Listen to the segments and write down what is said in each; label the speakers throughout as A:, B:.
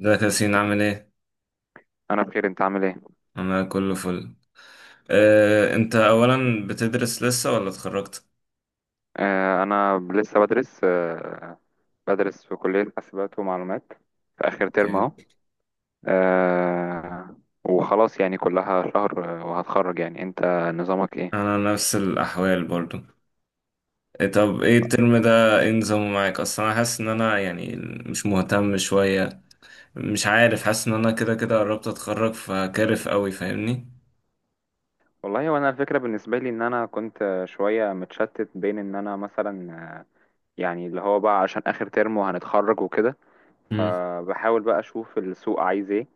A: ازيك يا ياسين عامل ايه؟
B: انا بخير، انت عامل ايه؟
A: انا كله فل. انت اولا بتدرس لسه ولا اتخرجت؟
B: آه، انا لسه بدرس. بدرس في كلية حاسبات ومعلومات. في اخر ترم
A: اوكي.
B: اهو. آه. وخلاص يعني كلها شهر، وهتخرج يعني انت، نظامك ايه؟
A: انا نفس الاحوال برضو. إيه طب ايه الترم ده ايه نظامه معاك اصلا انا حاسس ان انا يعني مش مهتم شوية. مش عارف حاسس ان انا كده كده قربت اتخرج فكارف قوي فاهمني؟
B: والله وانا الفكرة بالنسبة لي ان انا كنت شوية متشتت بين ان انا مثلا، آه، يعني اللي هو بقى عشان اخر ترم وهنتخرج وكده.
A: امم.
B: فبحاول بقى اشوف السوق عايز ايه،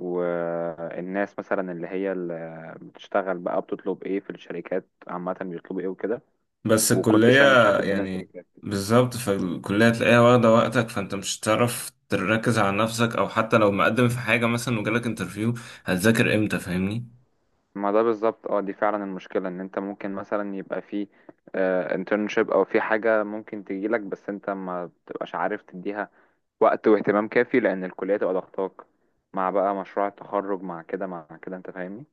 B: والناس مثلا اللي هي اللي بتشتغل بقى بتطلب ايه في الشركات، عامة بيطلبوا ايه وكده.
A: بس
B: وكنتش
A: الكلية
B: فاهم متشتت بين
A: يعني
B: التراكات.
A: بالظبط فالكلية تلاقيها واخدة وقتك فانت مش هتعرف تركز على نفسك او حتى لو مقدم في حاجة مثلا وجالك انترفيو هتذاكر امتى فاهمني؟
B: ما ده بالظبط، دي فعلا المشكلة ان انت ممكن مثلا يبقى في انترنشيب او في حاجة ممكن تجيلك، بس انت ما بتبقاش عارف تديها وقت واهتمام كافي، لان الكلية تبقى ضغطاك مع بقى مشروع التخرج مع كده مع كده، انت فاهمني.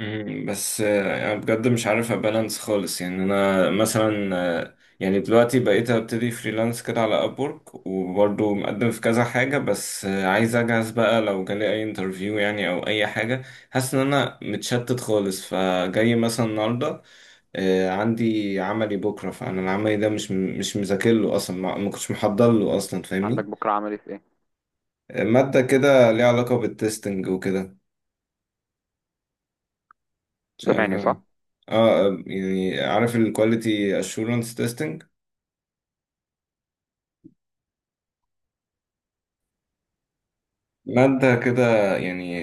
A: مم، بس يعني بجد مش عارف ابالانس خالص يعني انا مثلا يعني دلوقتي بقيت ابتدي فريلانس كده على ابورك وبرضه مقدم في كذا حاجة بس عايز اجهز بقى لو جالي اي انترفيو يعني او اي حاجة. حاسس ان انا متشتت خالص فجاي مثلا النهاردة عندي عملي بكرة فانا العملي ده مش مذاكر له اصلا ما كنتش محضر له اصلا
B: عندك
A: فاهمني.
B: بكرة عملي في ايه؟
A: مادة كده ليها علاقة بالتستنج وكده. مش عارف
B: سامعني
A: أوي.
B: صح؟
A: اه، يعني عارف الكواليتي اشورنس تيستنج، مادة كده يعني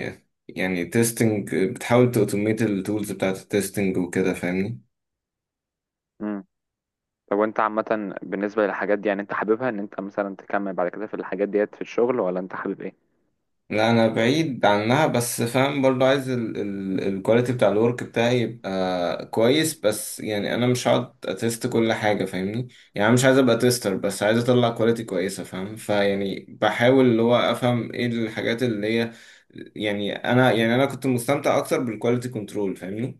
A: يعني تيستنج بتحاول تأوتوميت التولز بتاعة التيستنج وكده فاهمني.
B: امم. طب وانت عامة بالنسبة للحاجات دي، يعني انت حاببها ان انت مثلا تكمل بعد كده في الحاجات ديت في الشغل، ولا انت حابب ايه؟
A: لا انا بعيد عنها بس فاهم برضو عايز الكواليتي بتاع الورك بتاعي يبقى كويس بس يعني انا مش هقعد اتست كل حاجه فاهمني. يعني أنا مش عايز ابقى تيستر بس عايز اطلع كواليتي كويسه فاهم فيعني بحاول اللي هو افهم ايه الحاجات اللي هي يعني انا كنت مستمتع اكتر بالكواليتي كنترول فاهمني.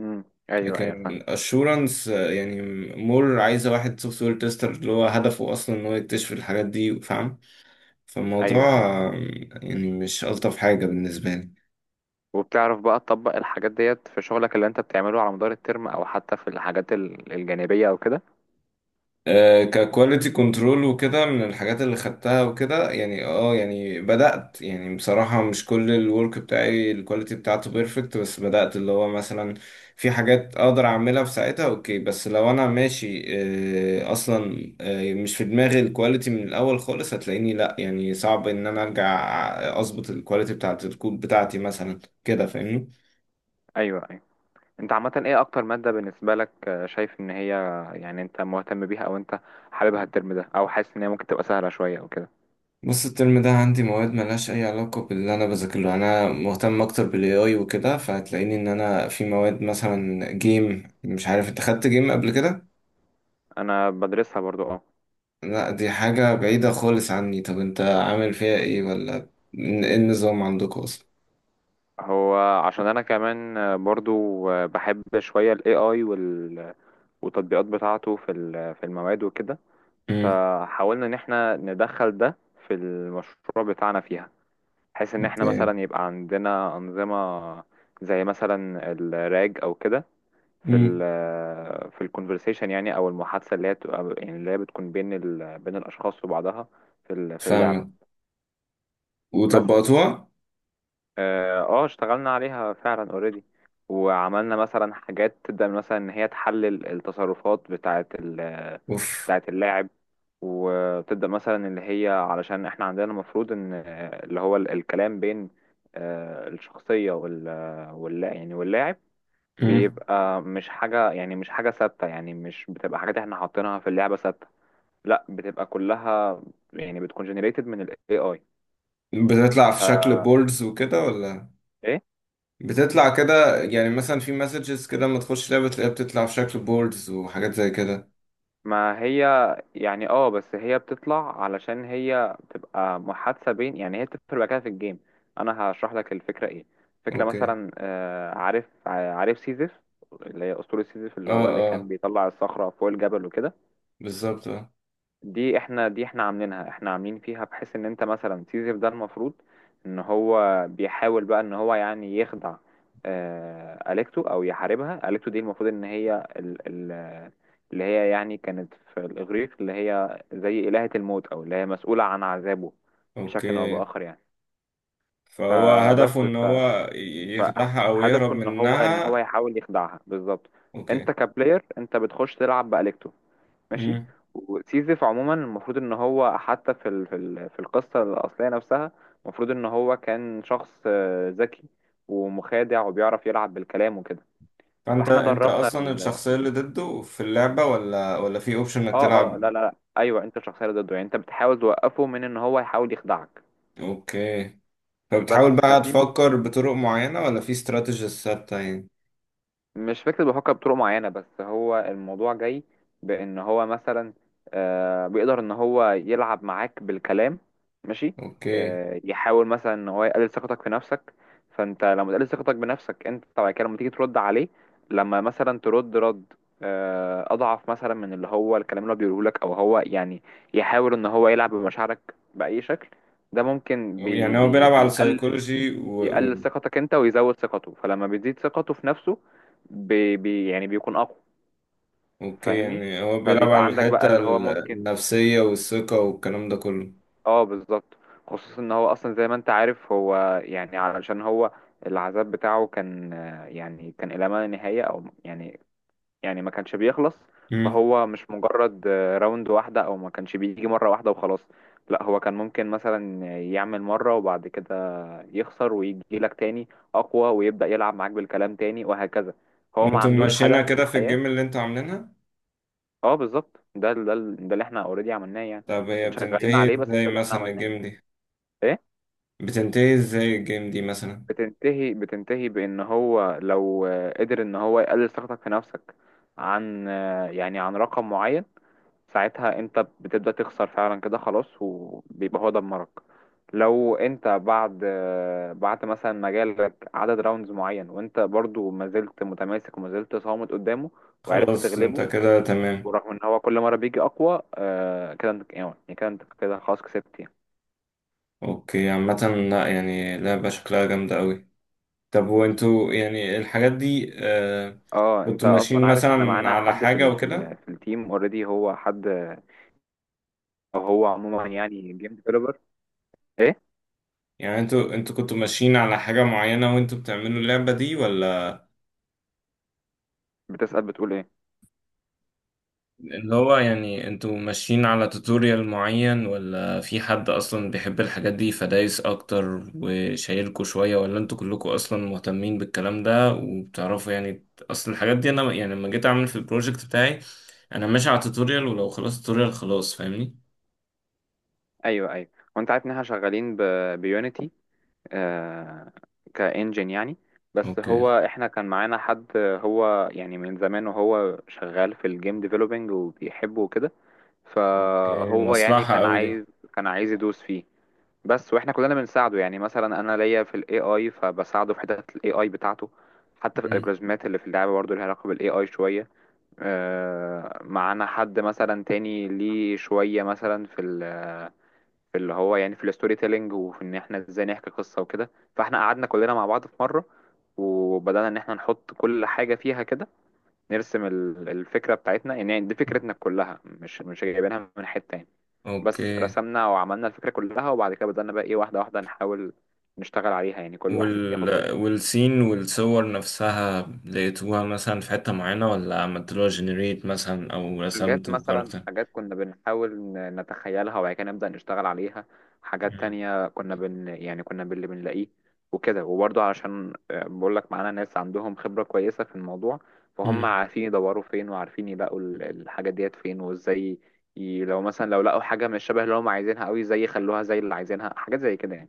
B: امم. ايوه ايوه
A: لكن
B: فاهم.
A: اشورنس يعني مور عايزه واحد سوفت وير تيستر اللي هو هدفه اصلا ان هو يكتشف الحاجات دي فاهم. فالموضوع
B: ايوه، أيوه.
A: آه، يعني مش ألطف حاجة بالنسبة لي.
B: وبتعرف بقى تطبق الحاجات ديت في شغلك اللي انت بتعمله على مدار الترم، او حتى في الحاجات الجانبية او كده؟
A: ككواليتي كنترول وكده من الحاجات اللي خدتها وكده يعني اه يعني بدأت يعني بصراحة مش كل الورك بتاعي الكواليتي بتاعته بيرفكت بس بدأت اللي هو مثلا في حاجات اقدر اعملها في ساعتها اوكي بس لو انا ماشي اصلا مش في دماغي الكواليتي من الاول خالص هتلاقيني لا يعني صعب ان انا ارجع اظبط الكواليتي بتاعت الكود بتاعتي مثلا كده فاهمني.
B: ايوه ايوه. انت عامة ايه اكتر مادة بالنسبة لك، شايف ان هي، يعني انت مهتم بيها او انت حاببها الترم ده، او حاسس ان هي ممكن تبقى سهلة شوية او كده؟
A: بص الترم ده عندي مواد ملهاش أي علاقة باللي أنا بذاكره، أنا مهتم أكتر بال AI وكده فهتلاقيني إن أنا في مواد مثلا جيم، مش عارف أنت خدت جيم قبل كده؟
B: انا بدرسها برضو، اه.
A: لا دي حاجة بعيدة خالص عني، طب أنت عامل فيها إيه ولا إيه النظام عندكم أصلا؟
B: هو عشان انا كمان، برضو، بحب شوية ال AI والتطبيقات بتاعته في في المواد وكده.
A: امم.
B: فحاولنا ان احنا ندخل ده في المشروع بتاعنا فيها، بحيث ان احنا
A: اوكي.
B: مثلا يبقى عندنا انظمه زي مثلا الراج او كده في
A: امم.
B: في الكونفرسيشن، يعني او المحادثه اللي هي يعني اللي هي بتكون بين بين الاشخاص وبعضها في في اللعبه.
A: فاهمك.
B: بس
A: وطبقتوها؟
B: اشتغلنا عليها فعلا اوريدي. وعملنا مثلا حاجات تبدأ من مثلا ان هي تحلل التصرفات
A: أوف.
B: بتاعة اللاعب، وتبدأ مثلا اللي هي علشان احنا عندنا المفروض ان، اللي هو الكلام بين، الشخصية واللا يعني واللاعب،
A: امم.
B: بيبقى مش حاجة، يعني مش حاجة ثابتة، يعني مش بتبقى حاجات احنا حاطينها في اللعبة ثابتة. لا، بتبقى كلها يعني بتكون generated من ال AI.
A: بتطلع
B: ف
A: في شكل بوردز وكده ولا؟
B: ايه.
A: بتطلع كده يعني مثلا في مسجز كده لما تخش لعبة تلاقيها بتطلع في شكل بوردز وحاجات زي كده.
B: ما هي، يعني بس هي بتطلع علشان هي بتبقى محادثة بين، يعني هي بتدخل بقى كده في الجيم. انا هشرح لك الفكرة ايه. فكرة
A: اوكي.
B: مثلا، عارف سيزيف، اللي هي اسطورة سيزيف اللي
A: اه،
B: هو اللي كان
A: اه
B: بيطلع الصخرة فوق الجبل وكده.
A: بالظبط اه.
B: دي احنا عاملينها، احنا عاملين فيها بحيث ان انت مثلا سيزر ده، المفروض ان هو بيحاول بقى ان هو يعني يخدع، اليكتو او يحاربها، اليكتو دي المفروض ان هي ال ال اللي هي، يعني كانت في الاغريق اللي هي زي الهة الموت، او اللي هي مسؤولة عن عذابه
A: اوكي.
B: بشكل او باخر يعني.
A: فهو هدفه
B: فبس
A: ان
B: ف
A: هو يخدعها او يهرب
B: فهدفه ان هو
A: منها.
B: يحاول يخدعها بالظبط.
A: اوكي.
B: انت كبلاير، انت بتخش تلعب باليكتو، ماشي.
A: امم.
B: وسيزيف عموما المفروض ان هو حتى في في القصه الاصليه نفسها، المفروض ان هو كان شخص، ذكي ومخادع وبيعرف يلعب بالكلام وكده.
A: فانت
B: فاحنا
A: انت
B: دربنا
A: اصلا
B: ال...
A: الشخصية اللي ضده في اللعبة ولا في اوبشن انك
B: اه، اه،
A: تلعب.
B: لا، لا، لا، ايوه، انت الشخصيه اللي ضده، يعني انت بتحاول توقفه من ان هو يحاول يخدعك.
A: اوكي.
B: بس
A: فبتحاول بقى
B: ففي
A: تفكر بطرق معينة ولا في استراتيجيز ثابتة يعني.
B: مش فكرة بيفكر بطرق معينة، بس هو الموضوع جاي بأن هو مثلا، بيقدر إن هو يلعب معاك بالكلام، ماشي.
A: اوكي.
B: يحاول مثلا إن هو يقلل ثقتك في نفسك، فأنت لما تقلل ثقتك بنفسك أنت بعد كده لما تيجي ترد عليه، لما مثلا ترد رد، أضعف مثلا من اللي هو الكلام اللي هو بيقوله لك، أو هو يعني يحاول إن هو يلعب بمشاعرك بأي شكل. ده ممكن بي
A: يعني هو
B: بي
A: بيلعب على
B: بيقلل
A: السيكولوجي.
B: بيقلل ثقتك انت ويزود ثقته، فلما بيزيد ثقته في نفسه بي بي يعني بيكون اقوى،
A: اوكي،
B: فاهمني.
A: يعني هو بيلعب
B: فبيبقى
A: على
B: عندك بقى
A: الحتة
B: اللي هو ممكن.
A: النفسية والثقة والكلام ده كله.
B: اه، بالظبط، خصوصا ان هو اصلا زي ما انت عارف هو، يعني علشان هو العذاب بتاعه كان، يعني كان الى ما لا نهاية او يعني، يعني ما كانش بيخلص.
A: امم.
B: فهو مش مجرد، راوند واحدة، او ما كانش بيجي مرة واحدة وخلاص. لا، هو كان ممكن مثلا يعمل مرة وبعد كده يخسر ويجي لك تاني اقوى ويبدأ يلعب معاك بالكلام تاني وهكذا. هو ما
A: وانتم
B: عندوش
A: ماشيينها
B: هدف في
A: كده في
B: الحياة.
A: الجيم اللي انتوا عاملينها؟
B: اه، بالظبط، ده اللي احنا اوريدي عملناه يعني.
A: طب هي
B: شغالين
A: بتنتهي
B: عليه، بس ده
A: ازاي
B: اللي احنا
A: مثلا
B: عملناه.
A: الجيم دي؟
B: ايه.
A: بتنتهي ازاي الجيم دي مثلا؟
B: بتنتهي بان هو لو، قدر ان هو يقلل ثقتك في نفسك عن آه، يعني عن رقم معين، ساعتها انت بتبدأ تخسر فعلا كده خلاص، وبيبقى هو دمرك. لو انت بعد مثلا مجالك عدد راوندز معين، وانت برضو ما زلت متماسك وما زلت صامت قدامه، وعرفت
A: خلاص انت
B: تغلبه،
A: كده تمام.
B: ورغم ان هو كل مرة بيجي اقوى، كده انت يعني كده انت كده خلاص كسبت يعني.
A: اوكي عامة. لا يعني لعبة شكلها جامدة قوي. طب وانتوا يعني الحاجات دي،
B: اه، انت
A: كنتوا ماشيين
B: اصلا عارف احنا
A: مثلا
B: معانا
A: على
B: حد في
A: حاجة
B: ال في
A: وكده
B: ال في التيم اوريدي. هو حد، او هو عموما يعني جيم ديفلوبر. ايه؟
A: يعني؟ انتوا كنتوا ماشيين على حاجة معينة وانتوا بتعملوا اللعبة دي ولا
B: بتسأل بتقول ايه؟
A: اللي هو يعني انتوا ماشيين على توتوريال معين ولا في حد اصلا بيحب الحاجات دي فدايس اكتر وشايلكوا شوية ولا انتوا كلكم اصلا مهتمين بالكلام ده وبتعرفوا يعني اصل الحاجات دي؟ انا يعني لما جيت اعمل في البروجكت بتاعي انا ماشي على توتوريال ولو خلاص توتوريال خلاص فاهمني.
B: ايوه ايوه. وانت عارف ان احنا شغالين ب بيونيتي، آه، كإنجن يعني. بس
A: اوكي.
B: هو احنا كان معانا حد، هو يعني من زمان وهو شغال في الجيم ديفلوبينج وبيحبه وكده.
A: اوكي
B: فهو يعني
A: مصلحة قوي دي.
B: كان عايز يدوس فيه. بس واحنا كلنا بنساعده، يعني مثلا انا ليا في الاي اي فبساعده في حتت الاي اي بتاعته، حتى في
A: مم.
B: الالجوريزمات اللي في اللعبه برضه ليها علاقه بالاي اي شويه. معانا حد مثلا تاني ليه شويه مثلا في اللي هو، يعني في الستوري تيلينج، وفي ان احنا ازاي نحكي قصة وكده. فاحنا قعدنا كلنا مع بعض في مرة وبدأنا ان احنا نحط كل حاجة فيها كده، نرسم الفكرة بتاعتنا، يعني دي فكرتنا كلها، مش جايبينها من حتة يعني. بس
A: اوكي.
B: رسمنا وعملنا الفكرة كلها، وبعد كده بدأنا بقى ايه واحدة واحدة نحاول نشتغل عليها، يعني كل واحد ياخد
A: وال
B: جزء.
A: والسين والصور نفسها لقيتوها مثلا في حتة معينة ولا عملتلوها جنريت مثلا او
B: حاجات
A: رسمتوا
B: مثلا،
A: كاركتر؟
B: حاجات كنا بنحاول نتخيلها وبعد كده نبدأ نشتغل عليها، حاجات
A: مم.
B: تانية كنا بن يعني كنا باللي بنلاقيه وكده. وبرضه علشان، بقول لك معانا ناس عندهم خبرة كويسة في الموضوع، فهم
A: مم.
B: عارفين يدوروا فين، وعارفين يلاقوا الحاجة ديت فين وازاي. لو مثلا لو لقوا حاجة مش شبه اللي هم عايزينها قوي، زي يخلوها زي اللي عايزينها حاجات زي كده يعني.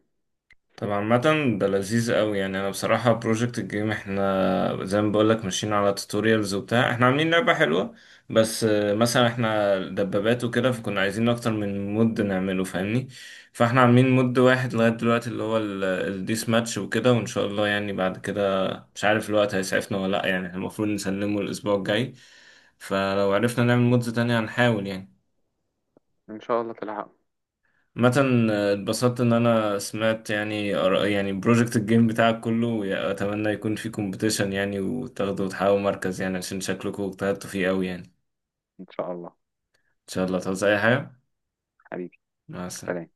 A: طب عامة ده لذيذ قوي، يعني انا بصراحة بروجكت الجيم احنا زي ما بقولك ماشيين على توتوريالز وبتاع، احنا عاملين لعبة حلوة بس مثلا احنا دبابات وكده فكنا عايزين اكتر من مود نعمله فاهمني. فاحنا عاملين مود واحد لغاية دلوقتي اللي هو الديس ماتش وكده وان شاء الله يعني بعد كده مش عارف الوقت هيسعفنا ولا لا، يعني احنا المفروض نسلمه الاسبوع الجاي فلو عرفنا نعمل مودز تانية هنحاول يعني.
B: ان شاء الله تلحق.
A: مثلا اتبسطت ان انا سمعت يعني يعني بروجكت الجيم بتاعك كله واتمنى يكون في كومبيتيشن يعني وتاخدوا وتحققوا مركز يعني عشان شكلكم اجتهدتوا فيه قوي، يعني ان
B: ان شاء الله.
A: شاء الله تعوز اي حاجة.
B: حبيبي.
A: مع
B: سلام.
A: السلامة.